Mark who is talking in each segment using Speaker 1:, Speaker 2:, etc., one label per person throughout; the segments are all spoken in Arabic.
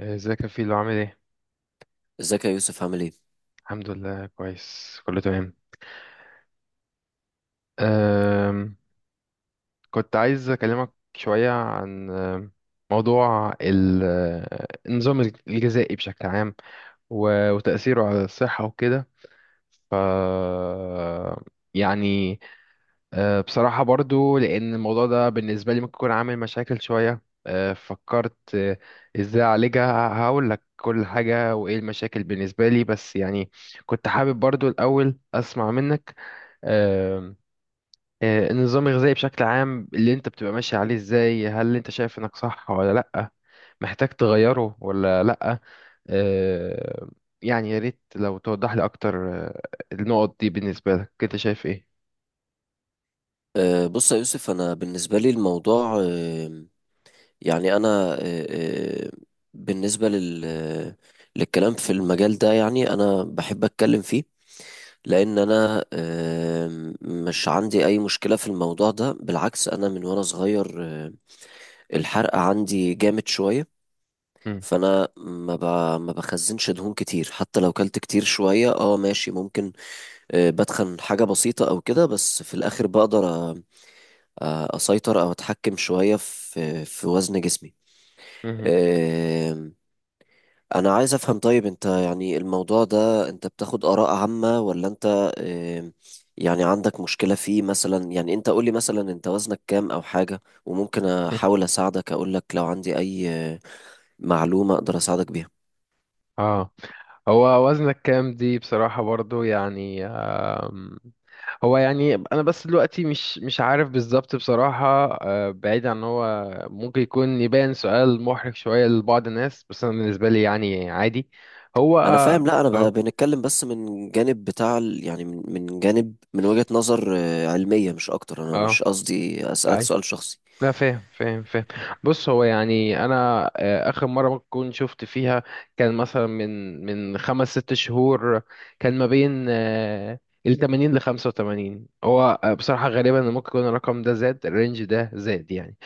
Speaker 1: ازيك يا فيلو عامل ايه؟
Speaker 2: ازيك يا يوسف عامل ايه؟
Speaker 1: الحمد لله كويس كله تمام. أم كنت عايز اكلمك شوية عن موضوع ال- أه، النظام الغذائي بشكل عام، وتأثيره على الصحة وكده. ف يعني، بصراحة برضو، لأن الموضوع ده بالنسبة لي ممكن يكون عامل مشاكل شوية. فكرت إزاي أعالجها، هقول لك كل حاجة وإيه المشاكل بالنسبة لي، بس يعني كنت حابب برضو الأول أسمع منك. أه، أه، النظام الغذائي بشكل عام اللي أنت بتبقى ماشي عليه إزاي، هل أنت شايف إنك صح ولا لأ، محتاج تغيره ولا لأ؟ أه، يعني يا ريت لو توضح لي أكتر النقط دي، بالنسبة لك أنت شايف إيه؟
Speaker 2: بص يا يوسف، انا بالنسبه لي الموضوع أه يعني انا أه أه بالنسبه لل آه، للكلام في المجال ده. يعني انا بحب اتكلم فيه لان انا مش عندي اي مشكله في الموضوع ده، بالعكس انا من وانا صغير أه الحرق عندي جامد شويه.
Speaker 1: مم.
Speaker 2: فانا ما ب... ما بخزنش دهون كتير حتى لو كلت كتير شويه، اه ماشي، ممكن بدخن حاجه بسيطه او كده، بس في الاخر بقدر اسيطر او اتحكم شويه في وزن جسمي.
Speaker 1: مهم.
Speaker 2: آم، انا عايز افهم، طيب انت يعني الموضوع ده انت بتاخد اراء عامه ولا انت آم، يعني عندك مشكله فيه مثلا؟ يعني انت قولي مثلا انت وزنك كام او حاجه، وممكن احاول اساعدك، اقول لك لو عندي اي معلومه اقدر اساعدك بيها.
Speaker 1: اه، هو وزنك كام؟ دي بصراحة برضو يعني، آم، هو يعني انا بس دلوقتي مش عارف بالظبط بصراحة. بعيد عن هو ممكن يكون يبان سؤال محرج شوية لبعض الناس، بس انا بالنسبة لي يعني عادي. هو
Speaker 2: انا
Speaker 1: اه،
Speaker 2: فاهم، لا انا
Speaker 1: اه،
Speaker 2: بنتكلم بس من جانب بتاع يعني من جانب، من وجهة نظر علمية مش اكتر، انا
Speaker 1: آه،
Speaker 2: مش قصدي اسالك
Speaker 1: اي،
Speaker 2: سؤال شخصي.
Speaker 1: لا فاهم فاهم فاهم. بص، هو يعني انا اخر مره ممكن كنت شفت فيها كان مثلا من خمس ست شهور. كان ما بين ال 80 ل 85. هو بصراحه غالبا ممكن يكون الرقم ده زاد، الرينج ده زاد يعني.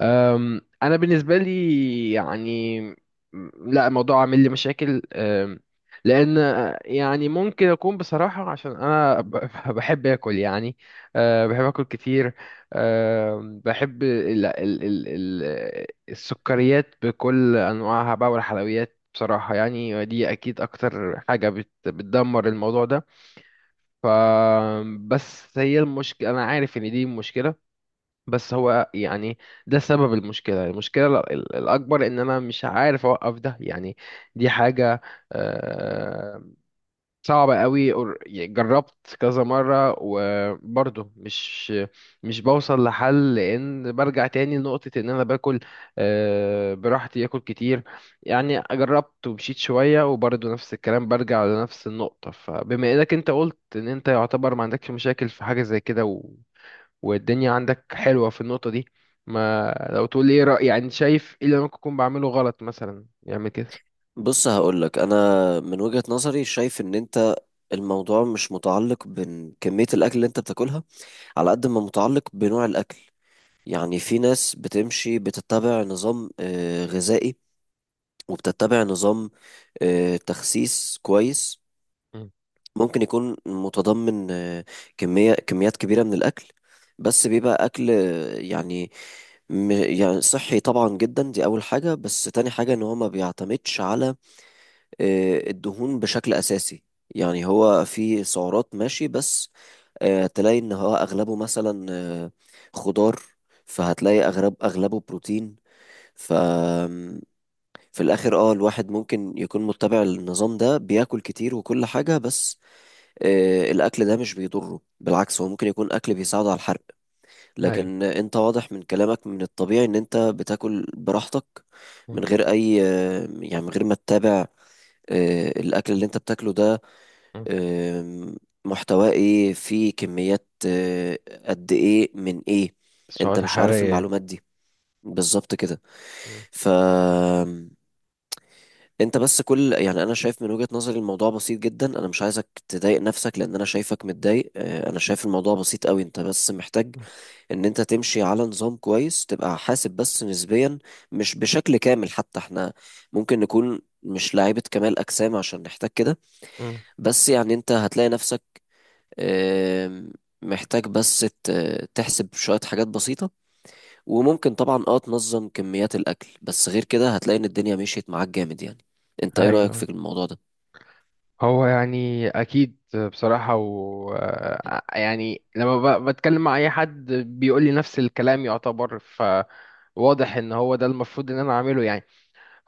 Speaker 1: انا بالنسبه لي يعني، لا الموضوع عامل لي مشاكل. لان يعني ممكن اكون بصراحه عشان انا بحب اكل يعني. بحب اكل كتير. بحب ال ال ال ال السكريات بكل انواعها بقى والحلويات بصراحه، يعني دي اكيد اكتر حاجه بتدمر الموضوع ده. ف بس هي المشكله، انا عارف ان دي مشكله، بس هو يعني ده سبب المشكلة. المشكلة الأكبر إن أنا مش عارف أوقف ده يعني. دي حاجة آه، صعبة قوي. يعني جربت كذا مرة وبرضه مش بوصل لحل، لأن برجع تاني لنقطة إن أنا باكل براحتي، آكل كتير. يعني جربت ومشيت شوية وبرضه نفس الكلام، برجع لنفس النقطة. فبما إنك أنت قلت إن أنت يعتبر ما عندكش مشاكل في حاجة زي كده والدنيا عندك حلوة في النقطة دي، ما لو تقول لي ايه رأي، يعني شايف ايه اللي أنا ممكن اكون بعمله غلط مثلا يعمل كده؟
Speaker 2: بص هقولك انا من وجهة نظري شايف ان انت الموضوع مش متعلق بكمية الاكل اللي انت بتاكلها على قد ما متعلق بنوع الاكل. يعني في ناس بتمشي بتتبع نظام غذائي وبتتبع نظام تخسيس كويس،
Speaker 1: مم.
Speaker 2: ممكن يكون متضمن كميات كبيرة من الاكل، بس بيبقى اكل يعني صحي طبعا، جدا دي اول حاجة. بس تاني حاجة ان هو ما بيعتمدش على الدهون بشكل أساسي. يعني هو في سعرات ماشي، بس تلاقي إن هو أغلبه مثلا خضار، فهتلاقي أغلبه بروتين. ف في الآخر اه الواحد ممكن يكون متبع النظام ده، بياكل كتير وكل حاجة، بس الأكل ده مش بيضره، بالعكس هو ممكن يكون أكل بيساعده على الحرق.
Speaker 1: ايوه.
Speaker 2: لكن أنت واضح من كلامك من الطبيعي إن أنت بتاكل براحتك
Speaker 1: مم.
Speaker 2: من غير أي يعني من غير ما تتابع الأكل اللي أنت بتاكله ده
Speaker 1: مم.
Speaker 2: آم، محتواه ايه، فيه كميات قد ايه من ايه. انت
Speaker 1: السعوات
Speaker 2: مش عارف
Speaker 1: الحرارية.
Speaker 2: المعلومات دي بالظبط كده.
Speaker 1: مم.
Speaker 2: ف انت بس كل، يعني انا شايف من وجهة نظري الموضوع بسيط جدا، انا مش عايزك تضايق نفسك لان انا شايفك متضايق. انا شايف الموضوع بسيط قوي، انت بس محتاج
Speaker 1: مم.
Speaker 2: ان انت تمشي على نظام كويس، تبقى حاسب بس نسبيا، مش بشكل كامل. حتى احنا ممكن نكون مش لاعيبة كمال اجسام عشان نحتاج كده،
Speaker 1: مم.
Speaker 2: بس يعني انت هتلاقي نفسك آم، محتاج بس تحسب شوية حاجات بسيطة، وممكن طبعا اه تنظم كميات الأكل. بس غير كده هتلاقي إن الدنيا مشيت معاك جامد يعني. انت ايه رأيك في
Speaker 1: ايوه،
Speaker 2: الموضوع ده؟
Speaker 1: هو يعني اكيد. بصراحة، و يعني لما بتكلم مع اي حد بيقول لي نفس الكلام يعتبر، فواضح ان هو ده المفروض ان انا اعمله يعني.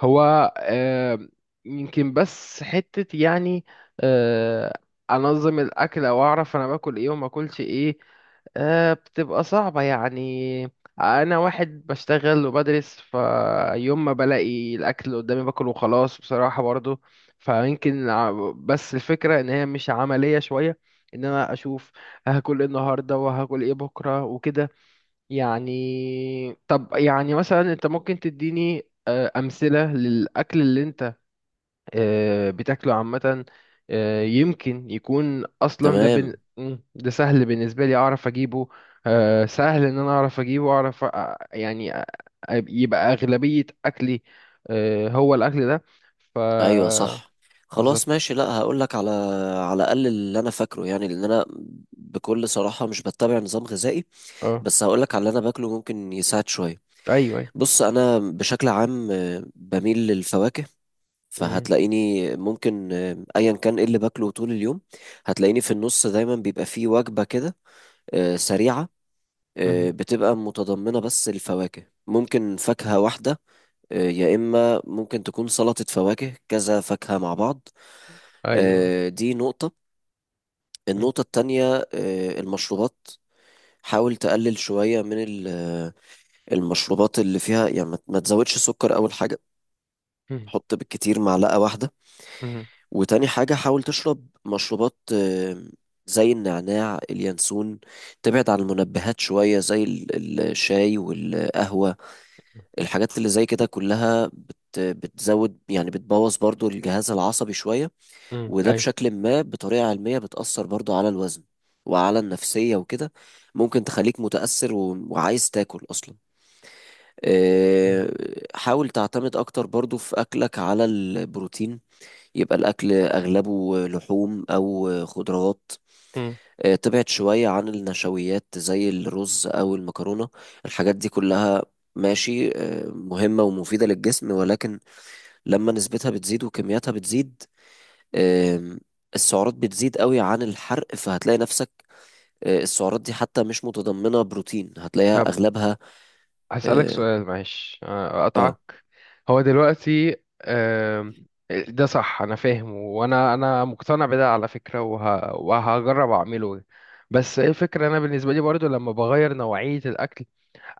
Speaker 1: هو آه، يمكن بس حتة يعني آه، أنظم الأكل، أو أعرف أنا باكل إيه وما أكلش إيه. بتبقى صعبة يعني. أنا واحد بشتغل وبدرس، فيوم ما بلاقي الأكل قدامي باكل وخلاص بصراحة برضو. فيمكن بس الفكرة إن هي مش عملية شوية، إن أنا أشوف هاكل إيه النهاردة وهاكل إيه بكرة وكده. يعني طب يعني مثلا انت ممكن تديني امثله للاكل اللي انت بتاكله عامه؟ يمكن يكون اصلا ده بن...
Speaker 2: تمام.
Speaker 1: مم، ده سهل بالنسبه لي اعرف اجيبه. سهل ان انا اعرف اجيبه اعرف يعني يبقى اغلبيه اكلي هو الاكل ده. ف
Speaker 2: ايوه صح، خلاص
Speaker 1: بالظبط.
Speaker 2: ماشي، لا هقولك على على الأقل اللي أنا فاكره، يعني لأن أنا بكل صراحة مش بتبع نظام غذائي،
Speaker 1: اه،
Speaker 2: بس هقولك على اللي أنا باكله ممكن يساعد شوية.
Speaker 1: ايوه ايوه،
Speaker 2: بص أنا بشكل عام بميل للفواكه،
Speaker 1: مم،
Speaker 2: فهتلاقيني ممكن ايا كان ايه اللي باكله طول اليوم، هتلاقيني في النص دايما بيبقى فيه وجبة كده سريعة
Speaker 1: مم،
Speaker 2: بتبقى متضمنة بس الفواكه، ممكن فاكهة واحدة يا إما ممكن تكون سلطة فواكه، كذا فاكهة مع بعض.
Speaker 1: ايوه،
Speaker 2: دي نقطة.
Speaker 1: مم،
Speaker 2: النقطة التانية المشروبات، حاول تقلل شوية من المشروبات اللي فيها، يعني ما تزودش سكر أول حاجة،
Speaker 1: مم،
Speaker 2: حط بالكتير معلقة واحدة.
Speaker 1: مم،
Speaker 2: وتاني حاجة حاول تشرب مشروبات زي النعناع، اليانسون، تبعد عن المنبهات شوية زي الشاي والقهوة. الحاجات اللي زي كده كلها بتزود، يعني بتبوظ برضو الجهاز العصبي شوية،
Speaker 1: مم،
Speaker 2: وده
Speaker 1: ايوه،
Speaker 2: بشكل ما بطريقة علمية بتأثر برضو على الوزن وعلى النفسية وكده، ممكن تخليك متأثر وعايز تاكل أصلا.
Speaker 1: مم.
Speaker 2: آه، حاول تعتمد أكتر برضو في أكلك على البروتين، يبقى الأكل أغلبه لحوم أو خضروات.
Speaker 1: مم.
Speaker 2: تبعد شوية عن النشويات زي الرز أو المكرونة، الحاجات دي كلها ماشي مهمة ومفيدة للجسم، ولكن لما نسبتها بتزيد وكمياتها بتزيد آم، السعرات بتزيد قوي عن الحرق، فهتلاقي نفسك السعرات دي حتى مش متضمنة بروتين، هتلاقيها أغلبها.
Speaker 1: هسألك
Speaker 2: اه.
Speaker 1: سؤال معلش، أقطعك.
Speaker 2: آه.
Speaker 1: هو دلوقتي آم، ده صح، أنا فاهم، وأنا أنا مقتنع بده على فكرة، وهجرب أعمله. بس إيه الفكرة؟ أنا بالنسبة لي برضو لما بغير نوعية الأكل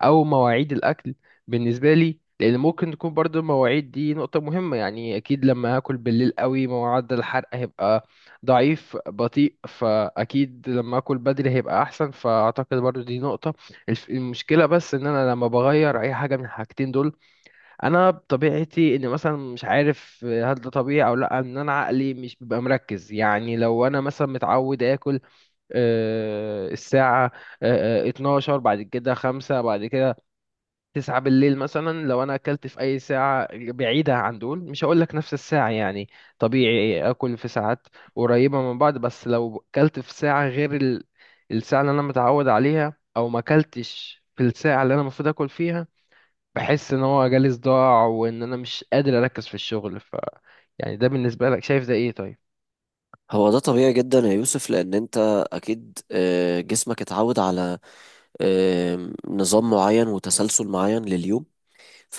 Speaker 1: او مواعيد الاكل، بالنسبه لي، لان ممكن تكون برضو المواعيد دي نقطه مهمه، يعني اكيد لما هاكل بالليل قوي معدل الحرق هيبقى ضعيف بطيء، فاكيد لما اكل بدري هيبقى احسن، فاعتقد برضو دي نقطه. المشكله بس ان انا لما بغير اي حاجه من الحاجتين دول، انا بطبيعتي ان مثلا، مش عارف هل ده طبيعي او لا، ان انا عقلي مش بيبقى مركز، يعني لو انا مثلا متعود اكل الساعه 12 بعد كده 5 بعد كده 9 بالليل مثلا، لو انا اكلت في اي ساعة بعيدة عن دول، مش هقول لك نفس الساعة يعني، طبيعي اكل في ساعات قريبة من بعض، بس لو اكلت في ساعة غير الساعة اللي انا متعود عليها، او ما اكلتش في الساعة اللي انا المفروض اكل فيها، بحس ان هو جالي صداع وان انا مش قادر اركز في الشغل. يعني ده بالنسبة لك شايف ده ايه طيب؟
Speaker 2: هو ده طبيعي جدا يا يوسف، لأن أنت أكيد جسمك اتعود على نظام معين وتسلسل معين لليوم،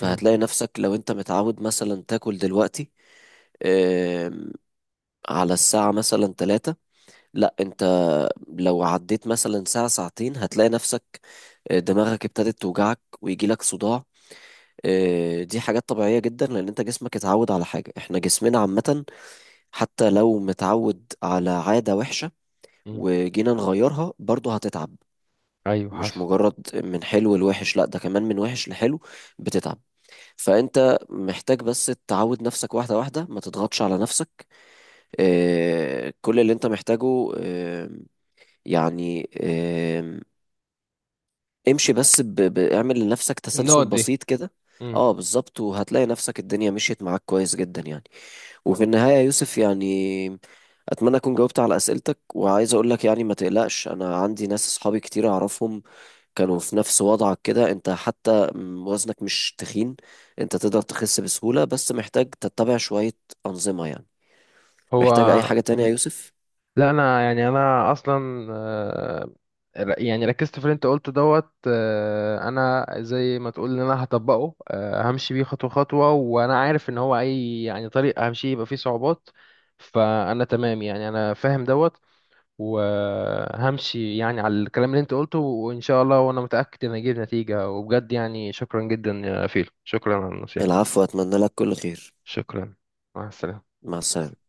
Speaker 1: مم.
Speaker 2: نفسك لو انت متعود مثلا تاكل دلوقتي آم، على الساعة مثلا تلاتة، لا انت لو عديت مثلا ساعة ساعتين هتلاقي نفسك دماغك ابتدت توجعك ويجيلك صداع. دي حاجات طبيعية جدا، لأن أنت جسمك اتعود على حاجة. احنا جسمنا عامة حتى لو متعود على عادة وحشة،
Speaker 1: مم.
Speaker 2: وجينا نغيرها برضه هتتعب،
Speaker 1: ايوه
Speaker 2: مش
Speaker 1: حصل.
Speaker 2: مجرد من حلو لوحش، لا ده كمان من وحش لحلو بتتعب. فانت محتاج بس تعود نفسك واحده واحده، ما تضغطش على نفسك. كل اللي انت محتاجه يعني آه، امشي بس اعمل لنفسك تسلسل
Speaker 1: النقط دي.
Speaker 2: بسيط كده.
Speaker 1: مم.
Speaker 2: اه بالظبط، وهتلاقي نفسك الدنيا مشيت معاك كويس جدا يعني. وفي النهايه يا يوسف، يعني اتمنى اكون جاوبت على اسئلتك، وعايز اقول لك يعني ما تقلقش، انا عندي ناس اصحابي كتير اعرفهم كانوا في نفس وضعك كده، انت حتى وزنك مش تخين، انت تقدر تخس بسهولة، بس محتاج تتبع شوية أنظمة يعني.
Speaker 1: هو،
Speaker 2: محتاج أي حاجة تانية يا يوسف؟
Speaker 1: لا انا يعني انا اصلا يعني ركزت في اللي انت قلته دوت، انا زي ما تقول ان انا هطبقه، همشي بيه خطوه خطوه، وانا عارف ان هو اي يعني طريق همشي يبقى فيه صعوبات، فانا تمام يعني، انا فاهم دوت، وهمشي يعني على الكلام اللي انت قلته وان شاء الله، وانا متاكد ان اجيب نتيجه وبجد. يعني شكرا جدا يا فيل، شكرا على النصيحه.
Speaker 2: العفو، أتمنى لك كل خير.
Speaker 1: شكرا. مع السلامه.
Speaker 2: مع السلامة.